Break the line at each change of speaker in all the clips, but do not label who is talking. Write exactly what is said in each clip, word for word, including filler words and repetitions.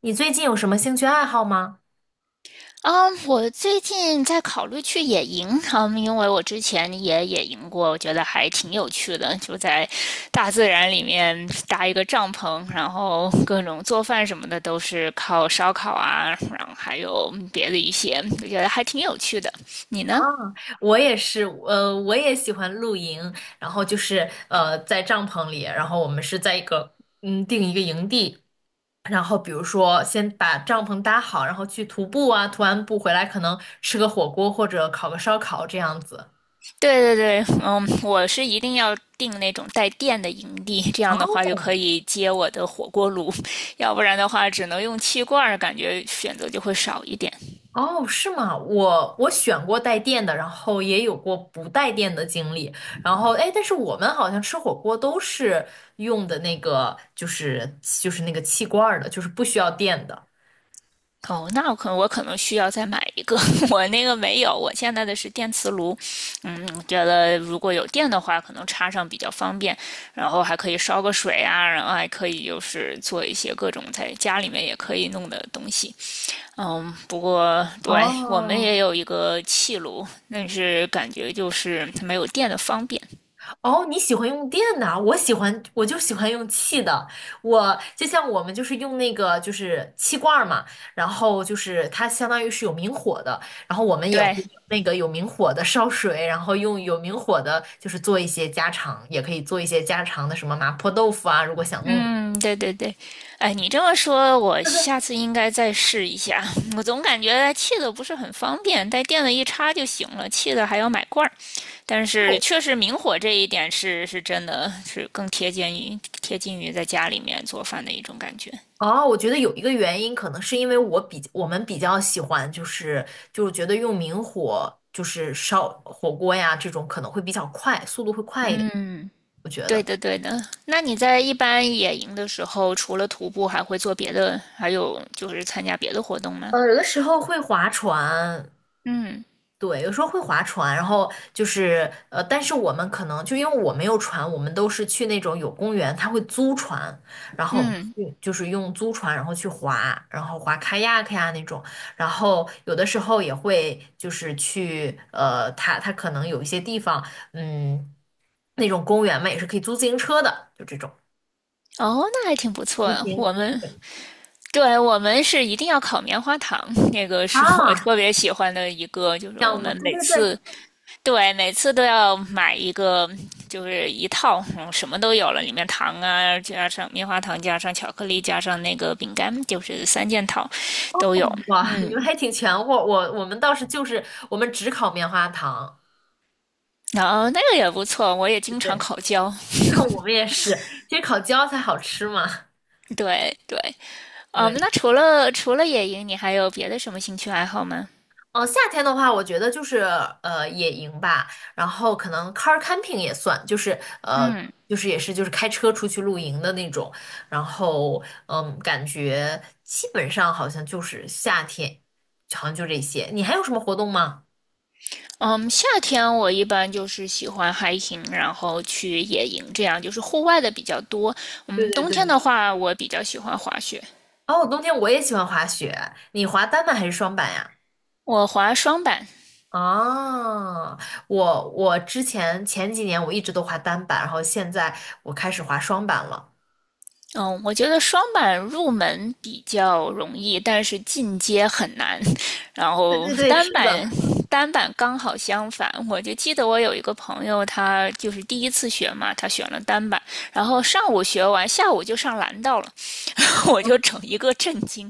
你最近有什么兴趣爱好吗？
嗯，我最近在考虑去野营，嗯，因为我之前也野营过，我觉得还挺有趣的，就在大自然里面搭一个帐篷，然后各种做饭什么的都是靠烧烤啊，然后还有别的一些，我觉得还挺有趣的。你
啊，
呢？
我也是，呃，我也喜欢露营，然后就是呃，在帐篷里，然后我们是在一个嗯定一个营地，然后比如说先把帐篷搭好，然后去徒步啊，徒完步回来可能吃个火锅或者烤个烧烤这样子。
对对对，嗯，我是一定要订那种带电的营地，这样的
哦，
话就可以接我的火锅炉，要不然的话只能用气罐儿感觉选择就会少一点。
哦，是吗？我我选过带电的，然后也有过不带电的经历。然后，哎，但是我们好像吃火锅都是用的那个，就是就是那个气罐儿的，就是不需要电的。
哦，那我可能我可能需要再买一个，我那个没有，我现在的是电磁炉，嗯，觉得如果有电的话，可能插上比较方便，然后还可以烧个水啊，然后还可以就是做一些各种在家里面也可以弄的东西，嗯，不过对我们
哦，
也有一个气炉，但是感觉就是它没有电的方便，
哦，你喜欢用电的啊，我喜欢，我就喜欢用气的。我就像我们就是用那个就是气罐儿嘛，然后就是它相当于是有明火的，然后我们也会
对，
用那个有明火的烧水，然后用有明火的，就是做一些家常，也可以做一些家常的什么麻婆豆腐啊，如果想弄的。
嗯，对对对，哎，你这么说，我下次应该再试一下。我总感觉气的不是很方便，带电的一插就行了，气的还要买罐儿。但是确实明火这一点是是真的是更贴近于贴近于在家里面做饭的一种感觉。
哦，我觉得有一个原因，可能是因为我比我们比较喜欢，就是就是觉得用明火就是烧火锅呀，这种可能会比较快，速度会快一点，
嗯，
我觉
对
得。
的对的。那你在一般野营的时候，除了徒步，还会做别的，还有就是参加别的活动吗？
呃，有的时候会划船，
嗯
对，有时候会划船，然后就是呃，但是我们可能就因为我没有船，我们都是去那种有公园，他会租船，然后我们
嗯。
去就是用租船，然后去划，然后划 kayak 呀那种，然后有的时候也会就是去呃，他他可能有一些地方，嗯，那种公园嘛也是可以租自行车的，就这种
哦，那还挺不错
骑
的。
行。
我们
对
对，我们是一定要烤棉花糖，那个
啊，
是我特别喜欢的一个，就是我
项目，
们
对
每
对对，
次对每次都要买一个，就是一套，嗯什么都有了，里面糖啊，加上棉花糖，加上巧克力，加上那个饼干，就是三件套都有。
哇，你们还挺全乎，我我们倒是就是我们只烤棉花糖，
然后那个也不错，我也经常
对，
烤焦。
然后我们也是，其实烤焦才好吃嘛。
对对，嗯，
对，
那除了除了野营，你还有别的什么兴趣爱好吗？
嗯、夏天的话，我觉得就是呃野营吧，然后可能 car camping 也算，就是呃
嗯
就是也是就是开车出去露营的那种，然后嗯，感觉基本上好像就是夏天，好像就这些。你还有什么活动吗？
嗯，夏天我一般就是喜欢 hiking,然后去野营，这样就是户外的比较多。
对
嗯，
对
冬天
对。
的话，我比较喜欢滑雪，
哦，冬天我也喜欢滑雪，你滑单板还是双板呀？
我滑双板。
哦，我我之前前几年我一直都滑单板，然后现在我开始滑双板了。
嗯，我觉得双板入门比较容易，但是进阶很难。然
对
后
对对，
单
是的，
板，单板刚好相反。我就记得我有一个朋友，他就是第一次学嘛，他选了单板，然后上午学完，下午就上蓝道了。我就整一个震惊。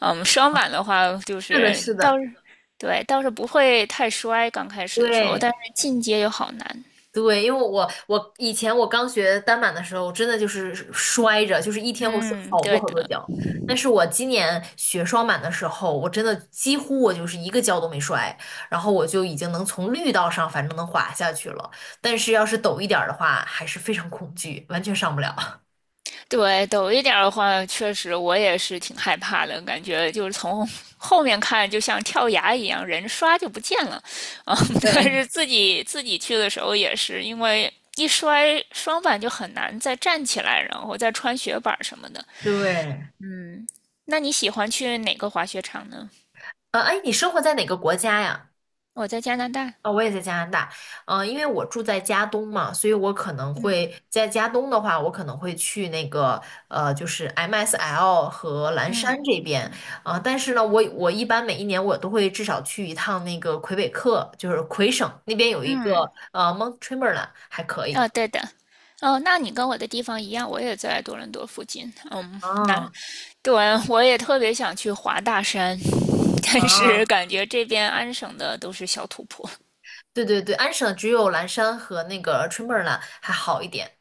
嗯，双板的话就
是的，
是
是
倒
的，
是对倒是不会太摔，刚开始的时候，
对
但是进阶就好难。
对，因为我我以前我刚学单板的时候，真的就是摔着，就是一天会摔
嗯，
好多
对
好多
的，
跤。但是我今年学双板的时候，我真的几乎我就是一个跤都没摔，然后我就已经能从绿道上反正能滑下去了。但是要是陡一点儿的话，还是非常恐惧，完全上不了。
对陡一点儿的话，确实我也是挺害怕的，感觉就是从后面看就像跳崖一样，人刷就不见了。啊、嗯 但
对
是自己自己去的时候也是，因为一摔双板就很难再站起来，然后再穿雪板什么的。
对。
那你喜欢去哪个滑雪场呢？
呃，哎，你生活在哪个国家呀？
我在加拿大。
哦，我也在加拿大。嗯、因为我住在加东嘛，所以我可能
嗯
会在加东的话，我可能会去那个呃，就是 M S L 和蓝山
嗯
这边。啊、但是呢，我我一般每一年我都会至少去一趟那个魁北克，就是魁省那边有一个
嗯，
呃 m o n t t r e m b l a n t 还可以。
哦，对的，哦，那你跟我的地方一样，我也在多伦多附近。嗯，那
啊
对，我也特别想去华大山，但是
啊，
感觉这边安省的都是小土坡。
对对对，安省只有蓝山和那个 t r e m b l a n t 还好一点。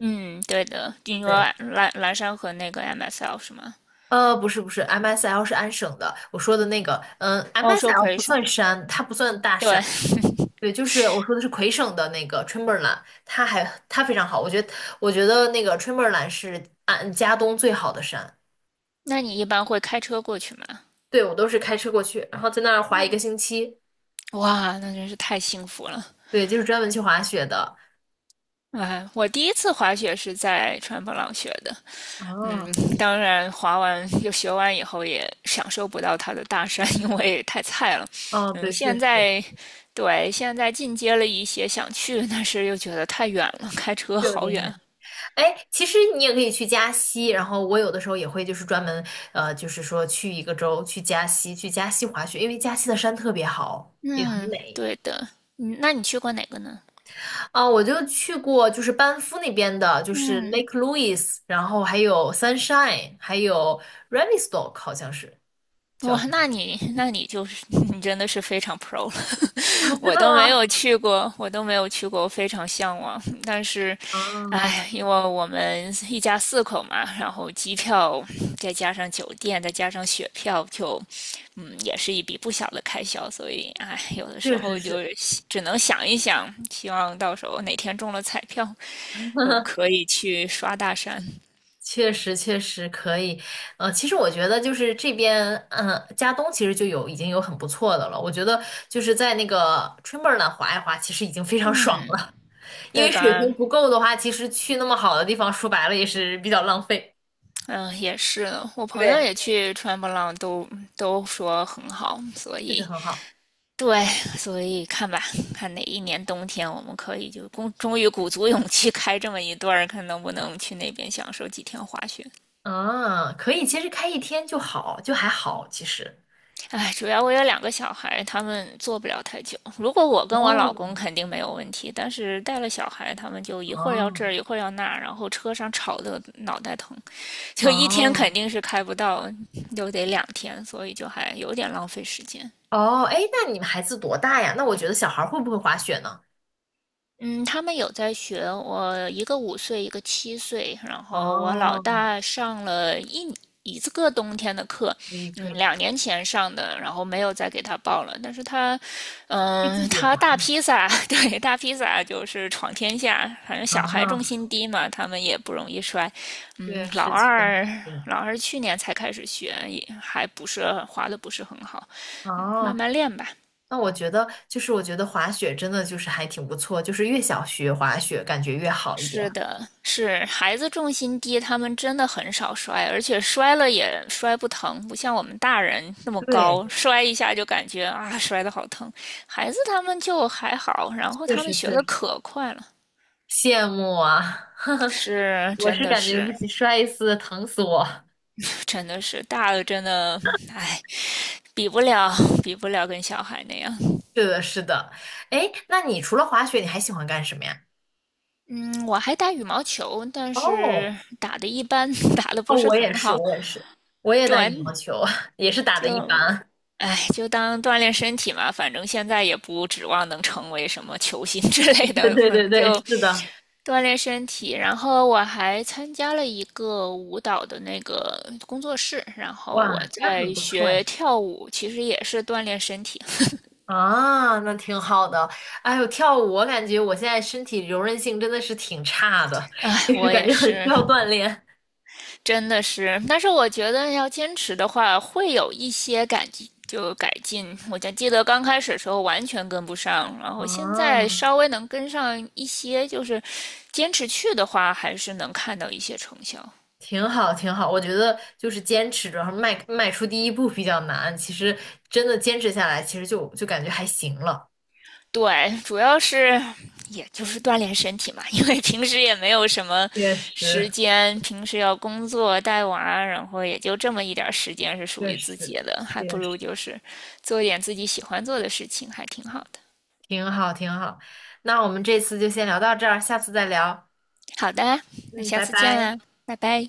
嗯，对的，你说
对。
蓝蓝山和那个 M S L 是吗？
呃，不是不是，M S L 是安省的，我说的那个，
哦，
嗯
说
，M S L
可以 e
不算山，它不算大
对，
山，对，就是我说的是魁省的那个 Chamberlain，它还它非常好，我觉得我觉得那个 Chamberlain 是安加东最好的山，
那你一般会开车过去吗？
对，我都是开车过去，然后在那儿滑一个星期，
哇，那真是太幸福了。
对，就是专门去滑雪的。
哎，我第一次滑雪是在川普朗学的，嗯，
啊，
当然，滑完又学完以后也享受不到它的大山，因为太菜了。
哦，
嗯，
对，确
现
实
在对现在进阶了一些，想去，但是又觉得太远了，开车
去了
好
点远。
远。
哎，其实你也可以去加西，然后我有的时候也会就是专门呃，就是说去一个州去加西，去加西滑雪，因为加西的山特别好，也很
嗯，
美。
对的。嗯，那你去过哪个呢？
啊、我就去过就是班夫那边的，就是
嗯。
Lake Louise，然后还有 Sunshine，还有 Revelstoke，好像是叫
哇，
什么
那你那你就是 你真的是非常 pro 了，
啊？真
我
的
都没
吗？
有去过，我都没有去过，我非常向往。但是，
啊，
哎，因为我们一家四口嘛，然后机票再加上酒店，再加上雪票，就嗯，也是一笔不小的开销。所以，哎，有的时
确实
候就
是。
是只能想一想，希望到时候哪天中了彩票，就可以去刷大山。
确实，确实可以。呃，其实我觉得就是这边，嗯、加东其实就有已经有很不错的了。我觉得就是在那个 t i m 滑一滑，其实已经非常 爽
嗯，
了。因
对
为水平
吧？
不够的话，其实去那么好的地方，说白了也是比较浪费。
嗯，也是，我朋友
对，
也去川波浪都，都说很好，所
确实
以
很好。
对，所以看吧，看哪一年冬天我们可以就终终于鼓足勇气开这么一段儿，看能不能去那边享受几天滑雪。
嗯，可以，其实开一天就好，就还好，其实。
哎，主要我有两个小孩，他们坐不了太久。如果我跟我老
哦，
公肯定没有问题，但是带了小孩，他们就一会儿要这儿，一
哦
会儿要那儿，然后车上吵得脑袋疼，就一天
哦
肯定是开不到，又得两天，所以就还有点浪费时间。
哦，哎，那你们孩子多大呀？那我觉得小孩儿会不会滑雪呢？
嗯，他们有在学，我一个五岁，一个七岁，然后我老
哦，
大上了一一个冬天的课，
可以可
嗯，
以，可
两年前上的，然后没有再给他报了。但是他，
以自
嗯，
己
他
滑。
大披萨，对，大披萨就是闯天下，反正小孩重
哦，
心低嘛，他们也不容易摔。嗯，
确
老
实确
二，
实。
老二去年才开始学，也还不是滑的不是很好，嗯，慢
哦，
慢练吧。
那我觉得就是我觉得滑雪真的就是还挺不错，就是越想学滑雪感觉越好一点。
是的，是孩子重心低，他们真的很少摔，而且摔了也摔不疼，不像我们大人那么
对，
高，摔一下就感觉啊摔得好疼。孩子他们就还好，然后
确
他们
实
学
确
的
实
可快了，
羡慕啊！
是
我
真
是
的
感觉不
是
行，摔一次疼死我。
真的是大了真的，哎，比不了比不了跟小孩那样。
是的，是的。哎，那你除了滑雪，你还喜欢干什么呀？
嗯，我还打羽毛球，但
哦，
是打的一般，打的不
哦，
是
我也
很
是，
好。
我也是，我也打
对，
羽毛球，也是打的一
就
般。
哎，就当锻炼身体嘛，反正现在也不指望能成为什么球星之类
对
的，反
对对
正
对，
就
是的。
锻炼身体。然后我还参加了一个舞蹈的那个工作室，然后我
哇，那很
在
不错
学
呀。
跳舞，其实也是锻炼身体。
啊，那挺好的。哎呦，跳舞我感觉我现在身体柔韧性真的是挺差的，
哎，
就是
我
感
也
觉很需
是
要锻炼。
真的是，但是我觉得要坚持的话，会有一些改进，就改进。我就记得刚开始的时候完全跟不上，然后现在
啊，
稍微能跟上一些，就是坚持去的话，还是能看到一些成效。
挺好，挺好。我觉得就是坚持着，然后迈迈出第一步比较难。其实真的坚持下来，其实就就感觉还行了。
对，主要是也就是锻炼身体嘛，因为平时也没有什么
确
时
实，
间，平时要工作带娃，然后也就这么一点儿时间是属
确
于自己
实，
的，还不
确
如
实。
就是做一点自己喜欢做的事情，还挺好的。
挺好，挺好。那我们这次就先聊到这儿，下次再聊。
好的，那
嗯，
下
拜
次见
拜。
啦，拜拜。